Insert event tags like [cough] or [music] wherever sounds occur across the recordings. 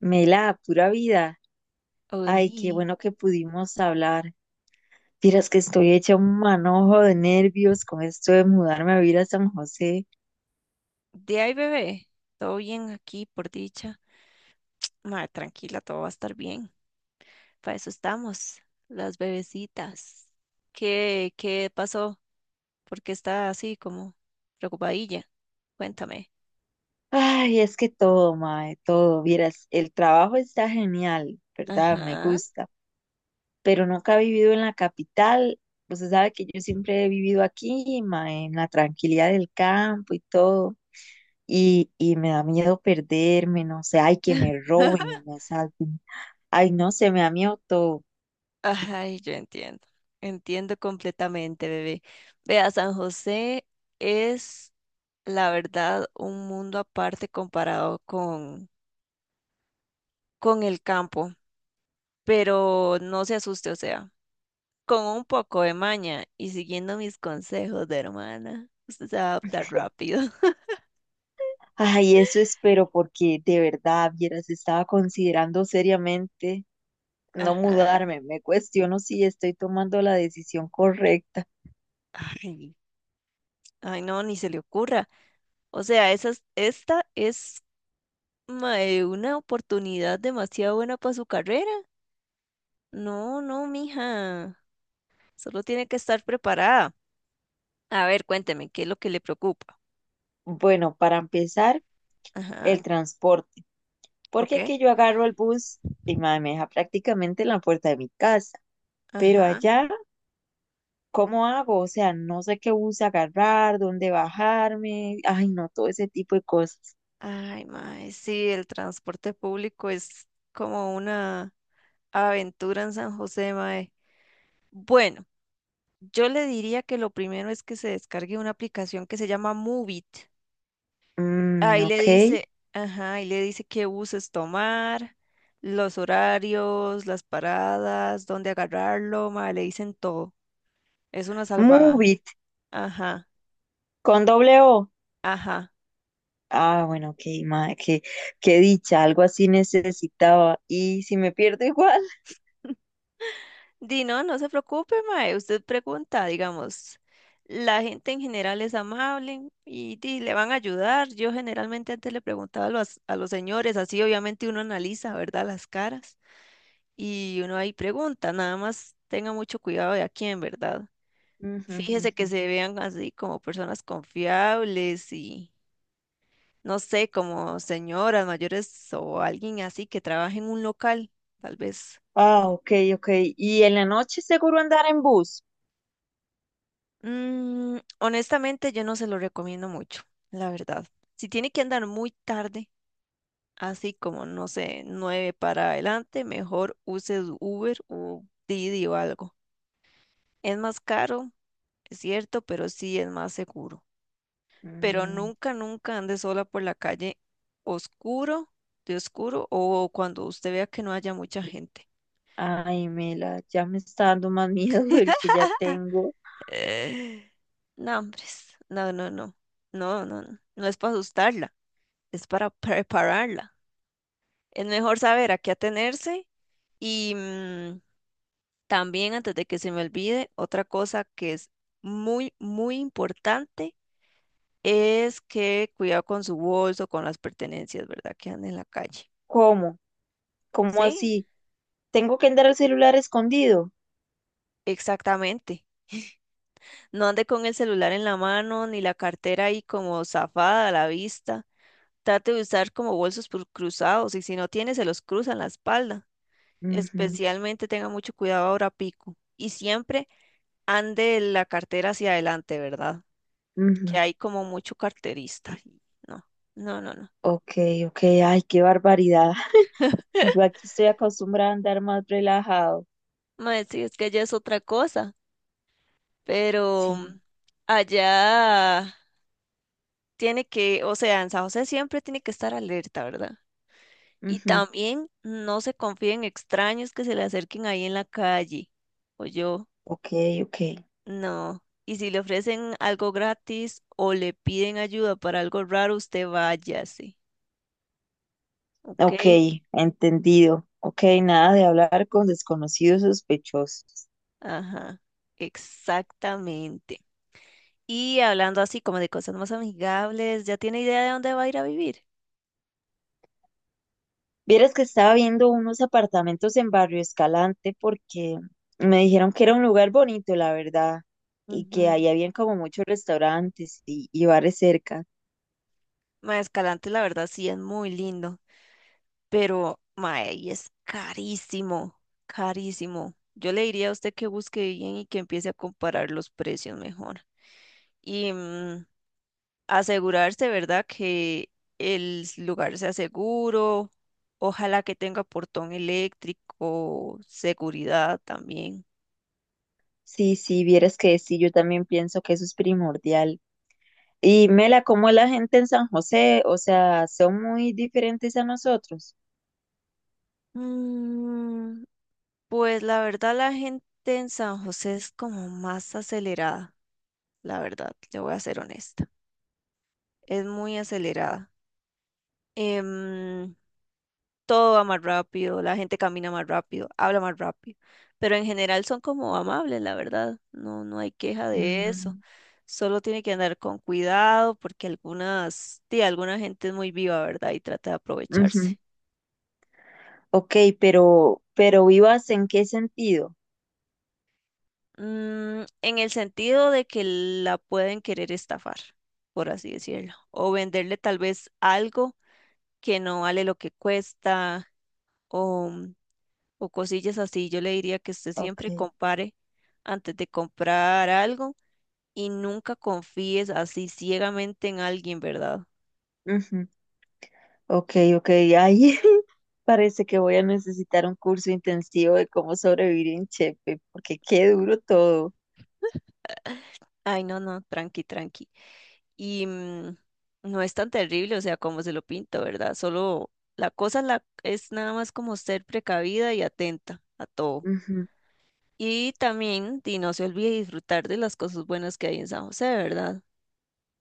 Mela, pura vida. Ay, qué Oli, bueno que pudimos hablar. Vieras que estoy hecha un manojo de nervios con esto de mudarme a vivir a San José. de ahí bebé, todo bien aquí por dicha. Ma, tranquila, todo va a estar bien. Para eso estamos, las bebecitas. ¿Qué pasó? ¿Por qué está así como preocupadilla? Cuéntame. Ay, es que todo, mae, todo. Vieras, el trabajo está genial, ¿verdad? Me Ajá. gusta. Pero nunca he vivido en la capital. Usted sabe que yo siempre he vivido aquí, mae, en la tranquilidad del campo y todo. Y me da miedo perderme, no sé, ay, que me [laughs] roben, me asalten. Ay, no sé, me da miedo todo. Ay, yo entiendo. Entiendo completamente, bebé. Vea, San José es, la verdad, un mundo aparte comparado con el campo. Pero no se asuste, o sea. Con un poco de maña y siguiendo mis consejos de hermana, usted se va a adaptar rápido. [laughs] Ay, eso espero porque de verdad, vieras, estaba considerando seriamente no Ajá. mudarme. Me cuestiono si estoy tomando la decisión correcta. Ay, ay, no, ni se le ocurra. O sea, esta es mae, una oportunidad demasiado buena para su carrera. No, no, mija. Solo tiene que estar preparada. A ver, cuénteme, ¿qué es lo que le preocupa? Bueno, para empezar, Ajá, el transporte. ok. Porque aquí yo agarro el bus y mae, me deja prácticamente en la puerta de mi casa. Pero Ajá. allá, ¿cómo hago? O sea, no sé qué bus agarrar, dónde bajarme. Ay, no, todo ese tipo de cosas. Ay, mae, sí, el transporte público es como una aventura en San José, mae. Bueno. Yo le diría que lo primero es que se descargue una aplicación que se llama Moovit. Mm, Ahí le ok. dice, ajá, ahí le dice qué buses tomar, los horarios, las paradas, dónde agarrarlo, ma, le dicen todo. Es una Move salvada. it, Ajá, con doble O. ajá. Ah, bueno, ok, madre, qué, qué dicha, algo así necesitaba. Y si me pierdo igual. [laughs] [laughs] Di, no, no se preocupe, mae. Usted pregunta, digamos. La gente en general es amable y, di, le van a ayudar. Yo generalmente antes le preguntaba a los señores, así obviamente uno analiza, ¿verdad? Las caras. Y uno ahí pregunta, nada más tenga mucho cuidado de a quién, ¿verdad? Ujú, Fíjese que ujú. se vean así como personas confiables y no sé, como señoras mayores o alguien así que trabaje en un local, tal vez. Ah, ok, ok. Y en la noche seguro andar en bus. Mm, honestamente, yo no se lo recomiendo mucho, la verdad. Si tiene que andar muy tarde, así como, no sé, nueve para adelante, mejor use Uber o Didi o algo. Es más caro, es cierto, pero sí es más seguro. Pero Mm, nunca, nunca ande sola por la calle oscuro, de oscuro, o cuando usted vea que no haya mucha gente. ay, Mela, ya me está dando más miedo [laughs] el que [laughs] ya tengo. Eh, No, hombres, no, no, no, no, no, no, no es para asustarla, es para prepararla. Es mejor saber a qué atenerse y también antes de que se me olvide, otra cosa que es muy, muy importante es que cuidado con su bolso, con las pertenencias, ¿verdad? Que andan en la calle. ¿Cómo? ¿Cómo ¿Sí? así? ¿Tengo que andar el celular escondido? Exactamente. No ande con el celular en la mano ni la cartera ahí como zafada a la vista. Trate de usar como cruzados y si no tiene se los cruza en la espalda. Ujú, Especialmente tenga mucho cuidado ahora pico. Y siempre ande la cartera hacia adelante, ¿verdad? Que ujú. hay como mucho carterista. Y No, no, no, no. Ok, ok, ay, qué barbaridad. [laughs] Yo [laughs] aquí estoy acostumbrada a andar más relajado. Mae, sí, es que allá es otra cosa, pero Sí. allá tiene que, o sea, en San José siempre tiene que estar alerta, ¿verdad? Y Ujú, también no se confíen en extraños que se le acerquen ahí en la calle. O yo, ok, ok. no. Y si le ofrecen algo gratis o le piden ayuda para algo raro, usted váyase. ¿Ok? Ok, entendido. Ok, nada de hablar con desconocidos sospechosos. Ajá. Exactamente. Y hablando así como de cosas más amigables, ¿ya tiene idea de dónde va a ir a vivir? Vieras que estaba viendo unos apartamentos en Barrio Escalante porque me dijeron que era un lugar bonito, la verdad, y que Ujú. ahí habían como muchos restaurantes y bares cerca. Ma, Escalante, la verdad, sí es muy lindo. Pero mae, y es carísimo, carísimo. Yo le diría a usted que busque bien y que empiece a comparar los precios mejor. Y asegurarse, ¿verdad? Que el lugar sea seguro, ojalá que tenga portón eléctrico, seguridad también. Sí, sí, vieras que sí, yo también pienso que eso es primordial. Y Mela, ¿cómo es la gente en San José? O sea, son muy diferentes a nosotros. Mm, pues la verdad la gente en San José es como más acelerada, la verdad, le voy a ser honesta. Es muy acelerada. Em, Todo va más rápido, la gente camina más rápido, habla más rápido, pero en general son como amables, la verdad, no, no hay queja de eso. Mm, Solo tiene que andar con cuidado porque algunas, sí, alguna gente es muy viva, ¿verdad? Y trata de aprovecharse. ujú. Ok, pero ¿vivas en qué sentido? Mm, en el sentido de que la pueden querer estafar, por así decirlo, o venderle tal vez algo que no vale lo que cuesta, o, o cosillas así. Yo le diría que usted Ok, siempre compare antes de comprar algo. Y nunca confíes así ciegamente en alguien, ¿verdad? ujú, ok, ok, ahí [laughs] parece que voy a necesitar un curso intensivo de cómo sobrevivir en Chepe, porque qué duro todo. Ay, no, no, tranqui, tranqui. Y no es tan terrible, o sea, como se lo pinta, ¿verdad? Solo es nada más como ser precavida y atenta a todo. Ujú. Y también, y no se olvide disfrutar de las cosas buenas que hay en San José, ¿verdad?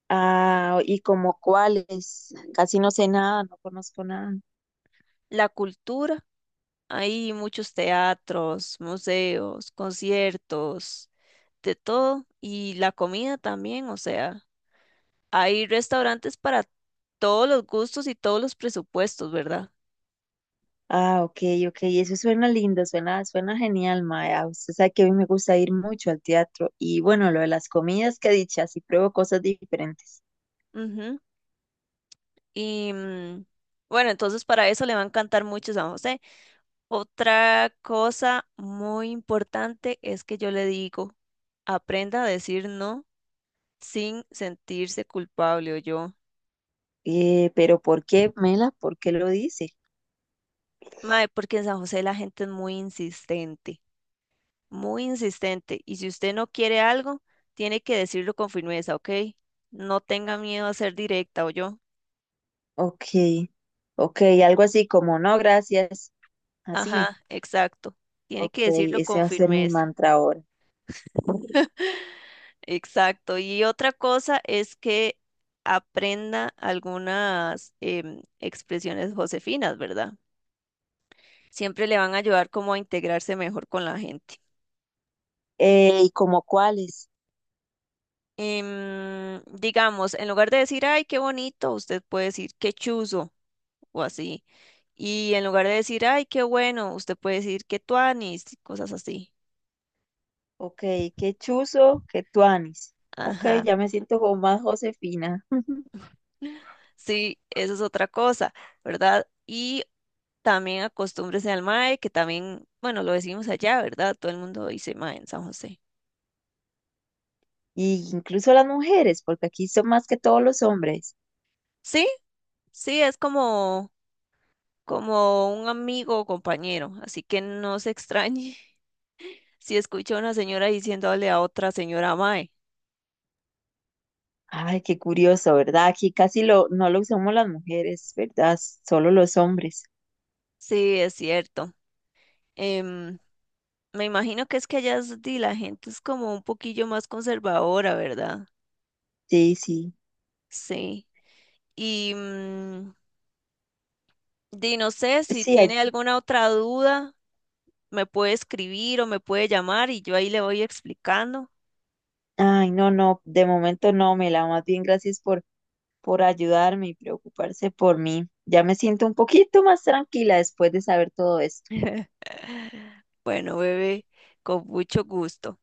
Ah, ¿y como cuáles? Casi no sé nada, no conozco nada. La cultura, hay muchos teatros, museos, conciertos, de todo. Y la comida también, o sea. Hay restaurantes para todos los gustos y todos los presupuestos, ¿verdad? Ah, ok, ok, eso suena lindo, suena, suena genial, Maya. Usted sabe que a mí me gusta ir mucho al teatro y bueno, lo de las comidas que he dicho, así pruebo cosas diferentes. Ujú. Y bueno, entonces para eso le va a encantar mucho San José. Otra cosa muy importante es que yo le digo, aprenda a decir no sin sentirse culpable o yo. Pero ¿por qué, Mela? ¿Por qué lo dice? Mae, porque en San José la gente es muy insistente, muy insistente. Y si usted no quiere algo, tiene que decirlo con firmeza, ¿ok? No tenga miedo a ser directa o yo. Ok, ok, algo así como no, gracias. Así. Ajá, exacto. Tiene que Ok, decirlo ese con va a ser mi firmeza. mantra ahora. Exacto. Y otra cosa es que aprenda algunas expresiones josefinas, ¿verdad? Siempre le van a ayudar como a integrarse mejor con la gente. ¿Y como cuáles? Digamos, en lugar de decir, ay, qué bonito, usted puede decir, qué chuzo o así. Y en lugar de decir, ay, qué bueno, usted puede decir, qué tuanis, cosas así. Ok, qué chuzo, qué tuanis. Ok, Ajá. ya me siento como más Josefina. [laughs] Sí, eso es otra cosa, ¿verdad? Y también acostúmbrese al mae, que también, bueno, lo decimos allá, ¿verdad? Todo el mundo dice mae en San José. Y incluso las mujeres, porque aquí son más que todos los hombres. Sí, sí, es como, como un amigo o compañero, así que no se extrañe [laughs] si escucha a una señora diciéndole a otra señora mae. Ay, qué curioso, ¿verdad? Aquí casi lo, no lo usamos las mujeres, ¿verdad? Solo los hombres. Sí, es cierto. Em, Me imagino que es que di, la gente es como un poquillo más conservadora, ¿verdad? Sí, sí. Sí. Y di, no sé si Sí, ay, tiene alguna otra duda. Me puede escribir o me puede llamar y yo ahí le voy explicando. ay, no, no, de momento no, Mela, más bien gracias por ayudarme y preocuparse por mí. Ya me siento un poquito más tranquila después de saber todo esto. [laughs] Bueno, bebé, con mucho gusto.